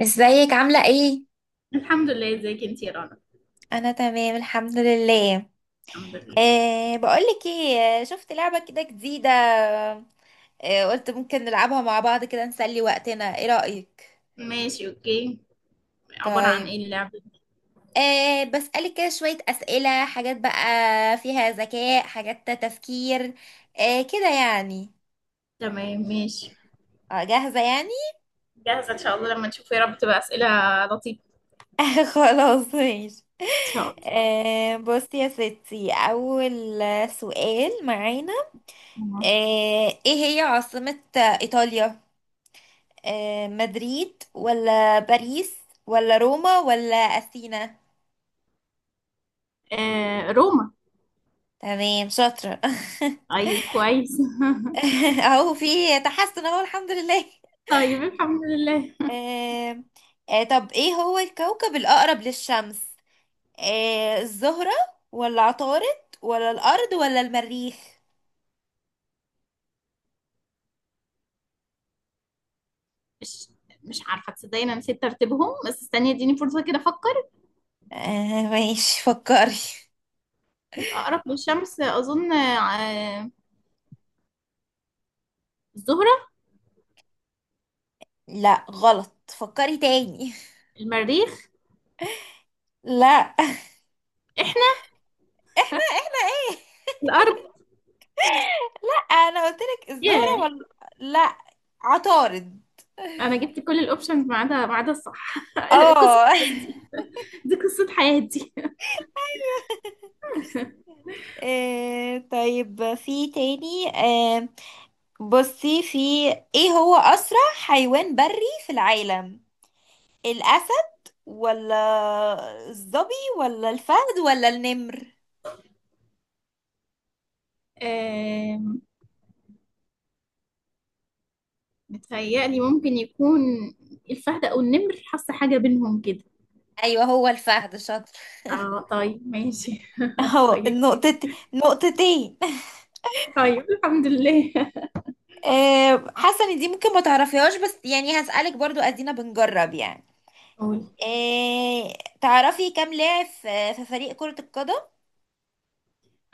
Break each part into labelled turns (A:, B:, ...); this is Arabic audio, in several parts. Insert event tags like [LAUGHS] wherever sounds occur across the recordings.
A: ازيك عاملة ايه؟
B: الحمد لله. ازيك انتي يا رنا؟
A: انا تمام الحمد لله.
B: الحمد لله.
A: بقولك ايه، شفت لعبة كده جديدة. قلت ممكن نلعبها مع بعض كده، نسلي وقتنا. ايه رأيك؟
B: ماشي اوكي. عبارة عن
A: طيب.
B: ايه اللعبة دي؟
A: بسألك كده شوية أسئلة، حاجات بقى فيها ذكاء، حاجات تفكير، كده يعني.
B: تمام ماشي.
A: جاهزة يعني.
B: جاهزة ان شاء الله، لما نشوف يا رب تبقى اسئلة لطيفة.
A: [LAUGHS] خلاص ماشي.
B: ان شاء الله.
A: بصي يا ستي، أول سؤال معانا.
B: تمام.
A: أه ايه هي عاصمة إيطاليا؟ مدريد ولا باريس ولا روما ولا أثينا؟
B: آه، روما.
A: تمام، شاطرة. [LAUGHS]
B: طيب كويس.
A: اهو في تحسن، اهو الحمد لله.
B: [LAUGHS] طيب الحمد لله.
A: آه، طب ايه هو الكوكب الأقرب للشمس؟ الزهرة ولا عطارد ولا الأرض ولا المريخ؟
B: مش مش عارفة تصدقيني، انا نسيت ترتيبهم، بس استني اديني فرصة كده افكر.
A: [LAUGHS] ماشي، فكري.
B: الاقرب للشمس اظن آه الزهرة.
A: لا غلط، فكري تاني.
B: المريخ.
A: لا. [LAUGHS]
B: احنا.
A: احنا ايه؟
B: الارض.
A: انا قلت لك الزهرة
B: ياه،
A: ولا؟ لا، عطارد.
B: انا جبت كل الاوبشنز ما عدا الصح. [LAUGHS] قصة
A: اه.
B: حياتي. دي قصة حياتي.
A: [LAUGHS] طيب، في تاني. بصي، في ايه هو اسرع حيوان بري في العالم؟ الاسد ولا الظبي ولا الفهد ولا النمر؟
B: آم، متهيألي ممكن يكون الفهد أو النمر، حاسة حاجة بينهم كده.
A: ايوه، هو الفهد، شاطر.
B: اه طيب ماشي. [LAUGHS]
A: اهو
B: طيب.
A: النقطة، نقطتين.
B: طيب الحمد لله.
A: [LAUGHS] حاسه ان دي ممكن ما تعرفيهاش، بس يعني هسألك برضو، ادينا بنجرب يعني.
B: قول.
A: آه، تعرفي كام لاعب في فريق كرة القدم؟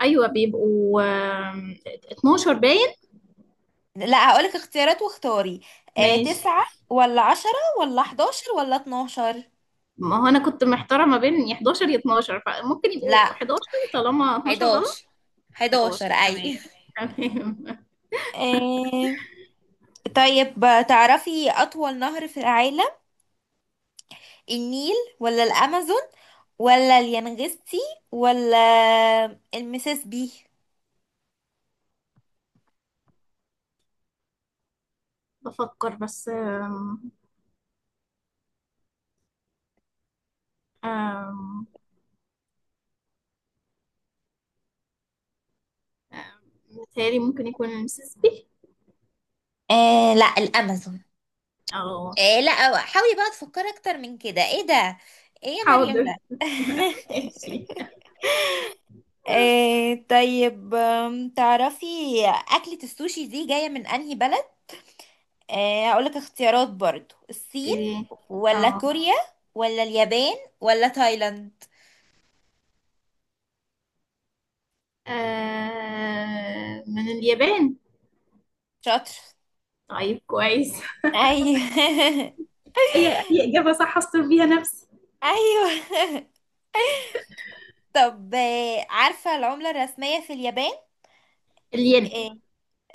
B: أيوة بيبقوا 12 باين.
A: لا، هقولك اختيارات واختاري.
B: ماشي.
A: تسعة ولا 10 ولا 11 ولا 12؟
B: ما هو أنا كنت محتارة ما بين يا 11 يا 12، فممكن
A: لا،
B: يبقوا 11 طالما 12 غلط.
A: حداشر، حداشر،
B: 11
A: أي.
B: تمام. تمام. [LAUGHS]
A: آه، طيب، تعرفي أطول نهر في العالم؟ النيل ولا الأمازون ولا اليانغستي ولا المسيسيبي؟
B: بفكر بس آم، آم، آم، متهيألي ممكن يكون المسيسيبي.
A: لا، الأمازون.
B: اه
A: لا، حاولي بقى تفكري أكتر من كده، ايه ده؟ ايه يا مريم
B: حاضر.
A: ده؟
B: [LAUGHS] ماشي.
A: [LAUGHS] إيه، طيب. تعرفي أكلة السوشي دي جاية من أنهي بلد؟ إيه، أقولك اختيارات برضو. الصين
B: اوكي.
A: ولا
B: اه.
A: كوريا ولا اليابان ولا تايلاند؟
B: آه، من [LAUGHS] اليابان.
A: شاطر.
B: طيب كويس.
A: أيوه. [LAUGHS]
B: اي اي اجابه صح اصطر بيها نفسي.
A: أيوه. طب، عارفة العملة الرسمية في اليابان؟
B: الين.
A: إيه،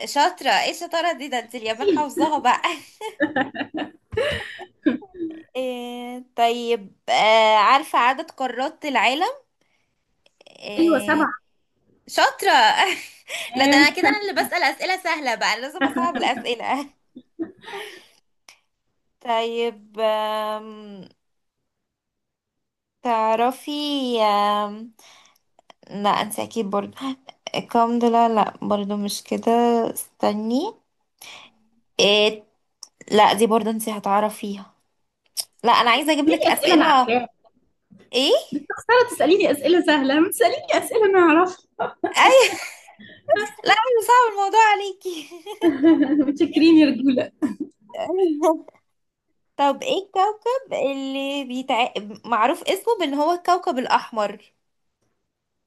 A: شاطرة، ايه الشطارة دي؟ ده انت اليابان
B: ماشي.
A: حافظاها بقى. [LAUGHS] إيه، طيب. عارفة عدد قارات العالم؟
B: ايوه
A: إيه،
B: سبعه.
A: شاطرة. [LAUGHS] لا ده انا
B: تمام.
A: كده، انا اللي بسأل اسئلة سهلة بقى، أنا لازم اصعب الاسئلة. [LAUGHS] طيب. تعرفي. أم... لا انت اكيد برضو الكم ده، لا لا برضو مش كده، استني. إيه، لا دي برضو انت هتعرفيها. لا، انا عايزة اجيب
B: ليه
A: لك
B: اسئله انا
A: اسئلة.
B: عارفاها؟
A: ايه،
B: انا تساليني اسئله سهله، ما تساليني اسئله انا اعرفها.
A: اي. [LAUGHS] لا، انا صعب الموضوع عليكي. [LAUGHS]
B: [LAUGHS] متشكرين يا رجوله.
A: طب ايه الكوكب اللي معروف اسمه بان هو الكوكب الاحمر؟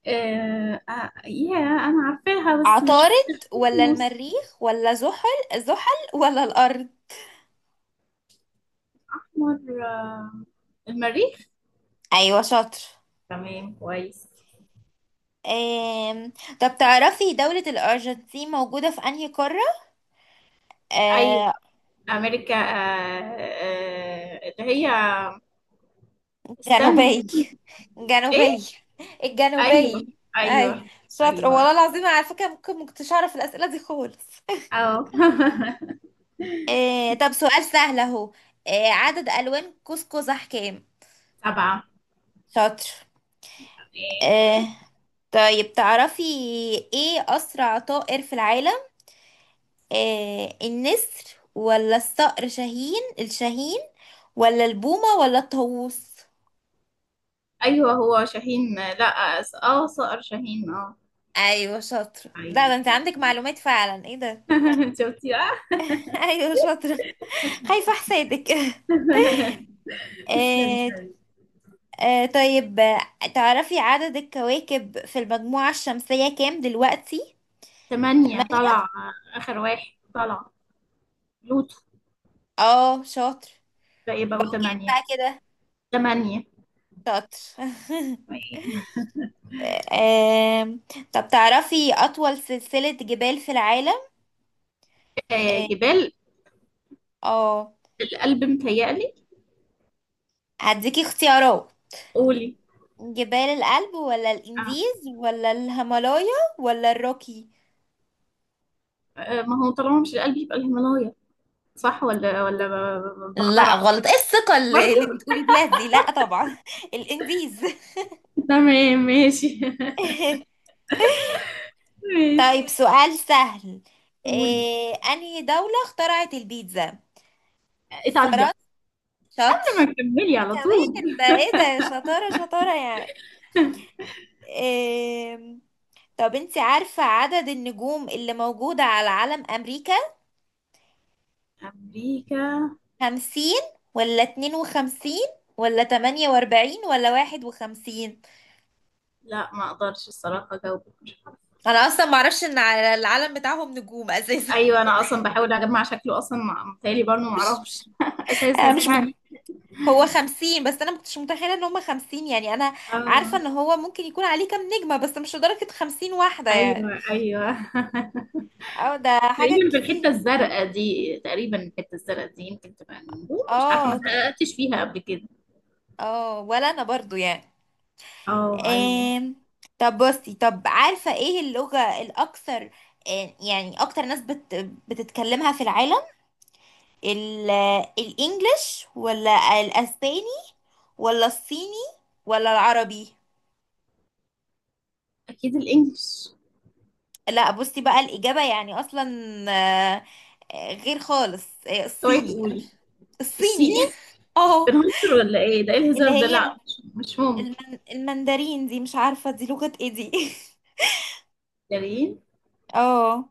B: يا انا عارفاها بس مش
A: عطارد
B: فاكرة
A: ولا
B: اسمه.
A: المريخ ولا زحل ولا الأرض؟
B: استحمر، آه، المريخ.
A: أيوة، شاطر.
B: تمام كويس.
A: آم... طب تعرفي دولة الأرجنتين موجودة في أنهي قارة؟
B: ايوه
A: آه...
B: امريكا، اللي هي، استني.
A: جنوبية،
B: ايه.
A: جنوبية،
B: ايوه.
A: الجنوبية، أي.
B: ايوه.
A: شاطر،
B: ايوه.
A: والله العظيم، على فكرة ممكن مكنتش أعرف الأسئلة دي خالص.
B: اه. [LAUGHS]
A: طب سؤال سهل أهو. عدد ألوان قوس قزح كام؟
B: سبعة.
A: شاطر.
B: ايه.
A: آه... طيب، تعرفي إيه أسرع طائر في العالم؟ النسر ولا الصقر شاهين، الشاهين ولا البومة ولا الطاووس؟
B: ايوه هو شاهين، لا س- اه صقر شاهين اه.
A: ايوه شاطرة، لا ده انت
B: ايوه.
A: عندك معلومات فعلا، ايه ده.
B: [LAUGHS] شفتي بقى.
A: [LAUGHS] ايوه شاطرة، خايفة حسادك. [LAUGHS]
B: [LAUGHS] تسلمي.
A: آه طيب تعرفي عدد الكواكب في المجموعة الشمسية كام دلوقتي؟
B: تمانية طلع.
A: تمانية،
B: اخر واحد طلع لوتو،
A: اه شاطر.
B: ده يبقوا
A: بقوا كام
B: تمانية.
A: بقى كده؟
B: تمانية.
A: شاطر. [LAUGHS] آم، طب تعرفي أطول سلسلة جبال في العالم؟
B: آه،
A: اه.
B: جبال
A: آه،
B: القلب متهيألي.
A: هديكي اختيارات.
B: قولي.
A: جبال الألب ولا
B: آه،
A: الإنديز ولا الهيمالايا ولا الروكي؟
B: آه، ما هو طالما مش القلب يبقى الهيمالايا. صح؟ ولا
A: لا
B: بخترع.
A: غلط، ايه الثقة
B: برضه
A: اللي بتقولي بيها دي، لا طبعا. [LAUGHS] الإنديز.
B: تمام ماشي.
A: [LAUGHS]
B: [LAUGHS]
A: طيب
B: ماشي.
A: سؤال سهل.
B: قول.
A: إيه أنهي دولة اخترعت البيتزا؟
B: إيطاليا.
A: فرنسا؟ شاطر.
B: قبل ما تكملي
A: ده
B: على طول.
A: كمان ده، ايه ده، شطارة شطارة يعني. إيه، طب انت عارفة عدد النجوم اللي موجودة على علم أمريكا؟
B: أمريكا.
A: 50 ولا 52 ولا 48 ولا 51؟
B: لا ما أقدرش الصراحة أجاوبك، مش عارفة.
A: انا اصلا معرفش ان على العلم بتاعهم نجوم اساسا.
B: أيوة أنا أصلا بحاول أجمع شكله أصلا، متهيألي برضه
A: [LAUGHS]
B: ما
A: مش.
B: أعرفش [LAUGHS] أساسا
A: مش
B: يعني.
A: هو 50 بس انا مكنتش متخيلة ان هما 50 يعني. انا عارفة ان
B: آه.
A: هو ممكن يكون عليه كام نجمة، بس مش لدرجة 50 واحدة يعني.
B: أيوة أيوة. [LAUGHS]
A: اه ده حاجة
B: تقريبا في الحتة
A: كتير.
B: الزرقاء دي، تقريبا الحتة الزرقاء دي يمكن تبقى النجوم، مش عارفة ما
A: اه
B: اتحققتش فيها قبل كده.
A: اه، ولا انا برضو يعني.
B: اه ايوه.
A: آم... طب بصي، طب عارفة ايه اللغة الاكثر، يعني اكتر ناس بتتكلمها في العالم. ال الانجليش ولا الاسباني ولا الصيني ولا العربي؟
B: اكيد الانجليش.
A: لا بصي بقى الاجابه يعني اصلا، آه، غير خالص،
B: اوعي
A: الصيني، انا مش،
B: تقولي
A: الصيني.
B: الصيني.
A: [LAUGHS] اه،
B: بنهزر ولا ايه ده؟ ايه
A: اللي
B: الهزار ده؟
A: هي
B: لا مش ممكن.
A: المندرين دي، مش عارفه دي لغه ايه دي.
B: جميل.
A: [LAUGHS] اه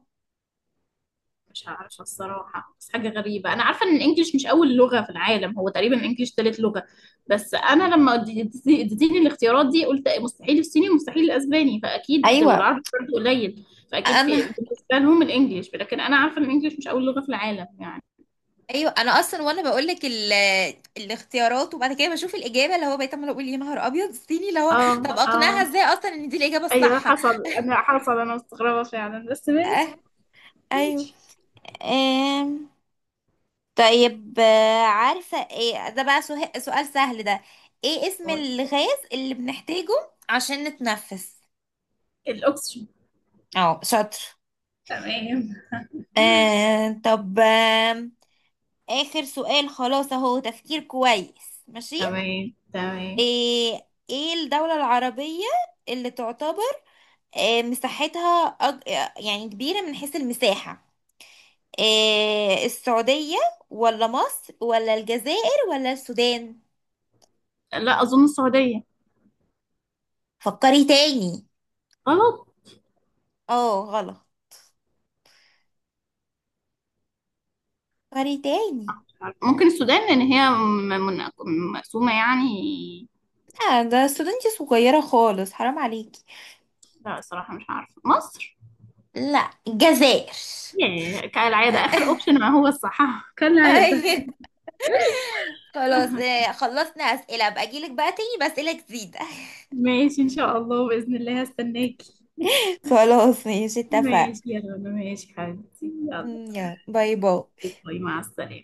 B: مش عارفه الصراحه، بس حاجه غريبه، انا عارفه ان الانجليش مش اول لغه في العالم، هو تقريبا الانجليش تالت لغه. بس انا لما اديتيني الاختيارات دي قلت مستحيل الصيني ومستحيل الاسباني، فاكيد
A: ايوه
B: والعربي برضه قليل. فاكيد
A: انا.
B: في بالنسبه لهم الانجليش، لكن انا عارفه ان الانجليش مش اول لغه في العالم يعني.
A: [LAUGHS] ايوه انا اصلا وانا بقول لك الاختيارات وبعد كده بشوف الاجابه، اللي هو بقيت عماله اقول يا نهار ابيض، الصيني اللي هو. طب
B: اه اه.
A: اقنعها ازاي اصلا ان دي الاجابه
B: ايوه
A: الصح؟
B: حصل. انا مستغربه فعلا بس ماشي.
A: أه. ايوه.
B: ماشي.
A: آم، طيب عارفة ايه ده بقى، سؤال سهل ده. ايه اسم الغاز اللي بنحتاجه عشان نتنفس؟
B: الاوكسجين.
A: اه، شاطر.
B: تمام
A: طب آخر سؤال خلاص اهو، تفكير كويس، ماشي.
B: تمام. تمام.
A: ايه الدولة العربية اللي تعتبر مساحتها، يعني كبيرة من حيث المساحة؟ السعودية ولا مصر ولا الجزائر ولا السودان؟
B: لا أظن السعودية.
A: فكري تاني.
B: غلط.
A: اه غلط. فري تاني.
B: ممكن السودان، لأن هي مقسومة يعني.
A: لا ده استودنتي صغيرة خالص، حرام عليكي.
B: لا الصراحة مش عارفة. مصر؟
A: لا، الجزائر.
B: ياه، كالعادة آخر
A: [LAUGHS]
B: أوبشن ما هو الصح. [LAUGHS] كالعادة.
A: ايوه. خلاص، خلصنا أسئلة بقى، أجيلك بقى تاني بأسئلة جديدة.
B: ماشي إن شاء الله، بإذن الله هستناكي.
A: [LAUGHS] خلاص ماشي، اتفقنا.
B: ماشي يا رنا، ماشي حبيبتي، يلا.
A: يلا، باي باي.
B: باي مع السلامة.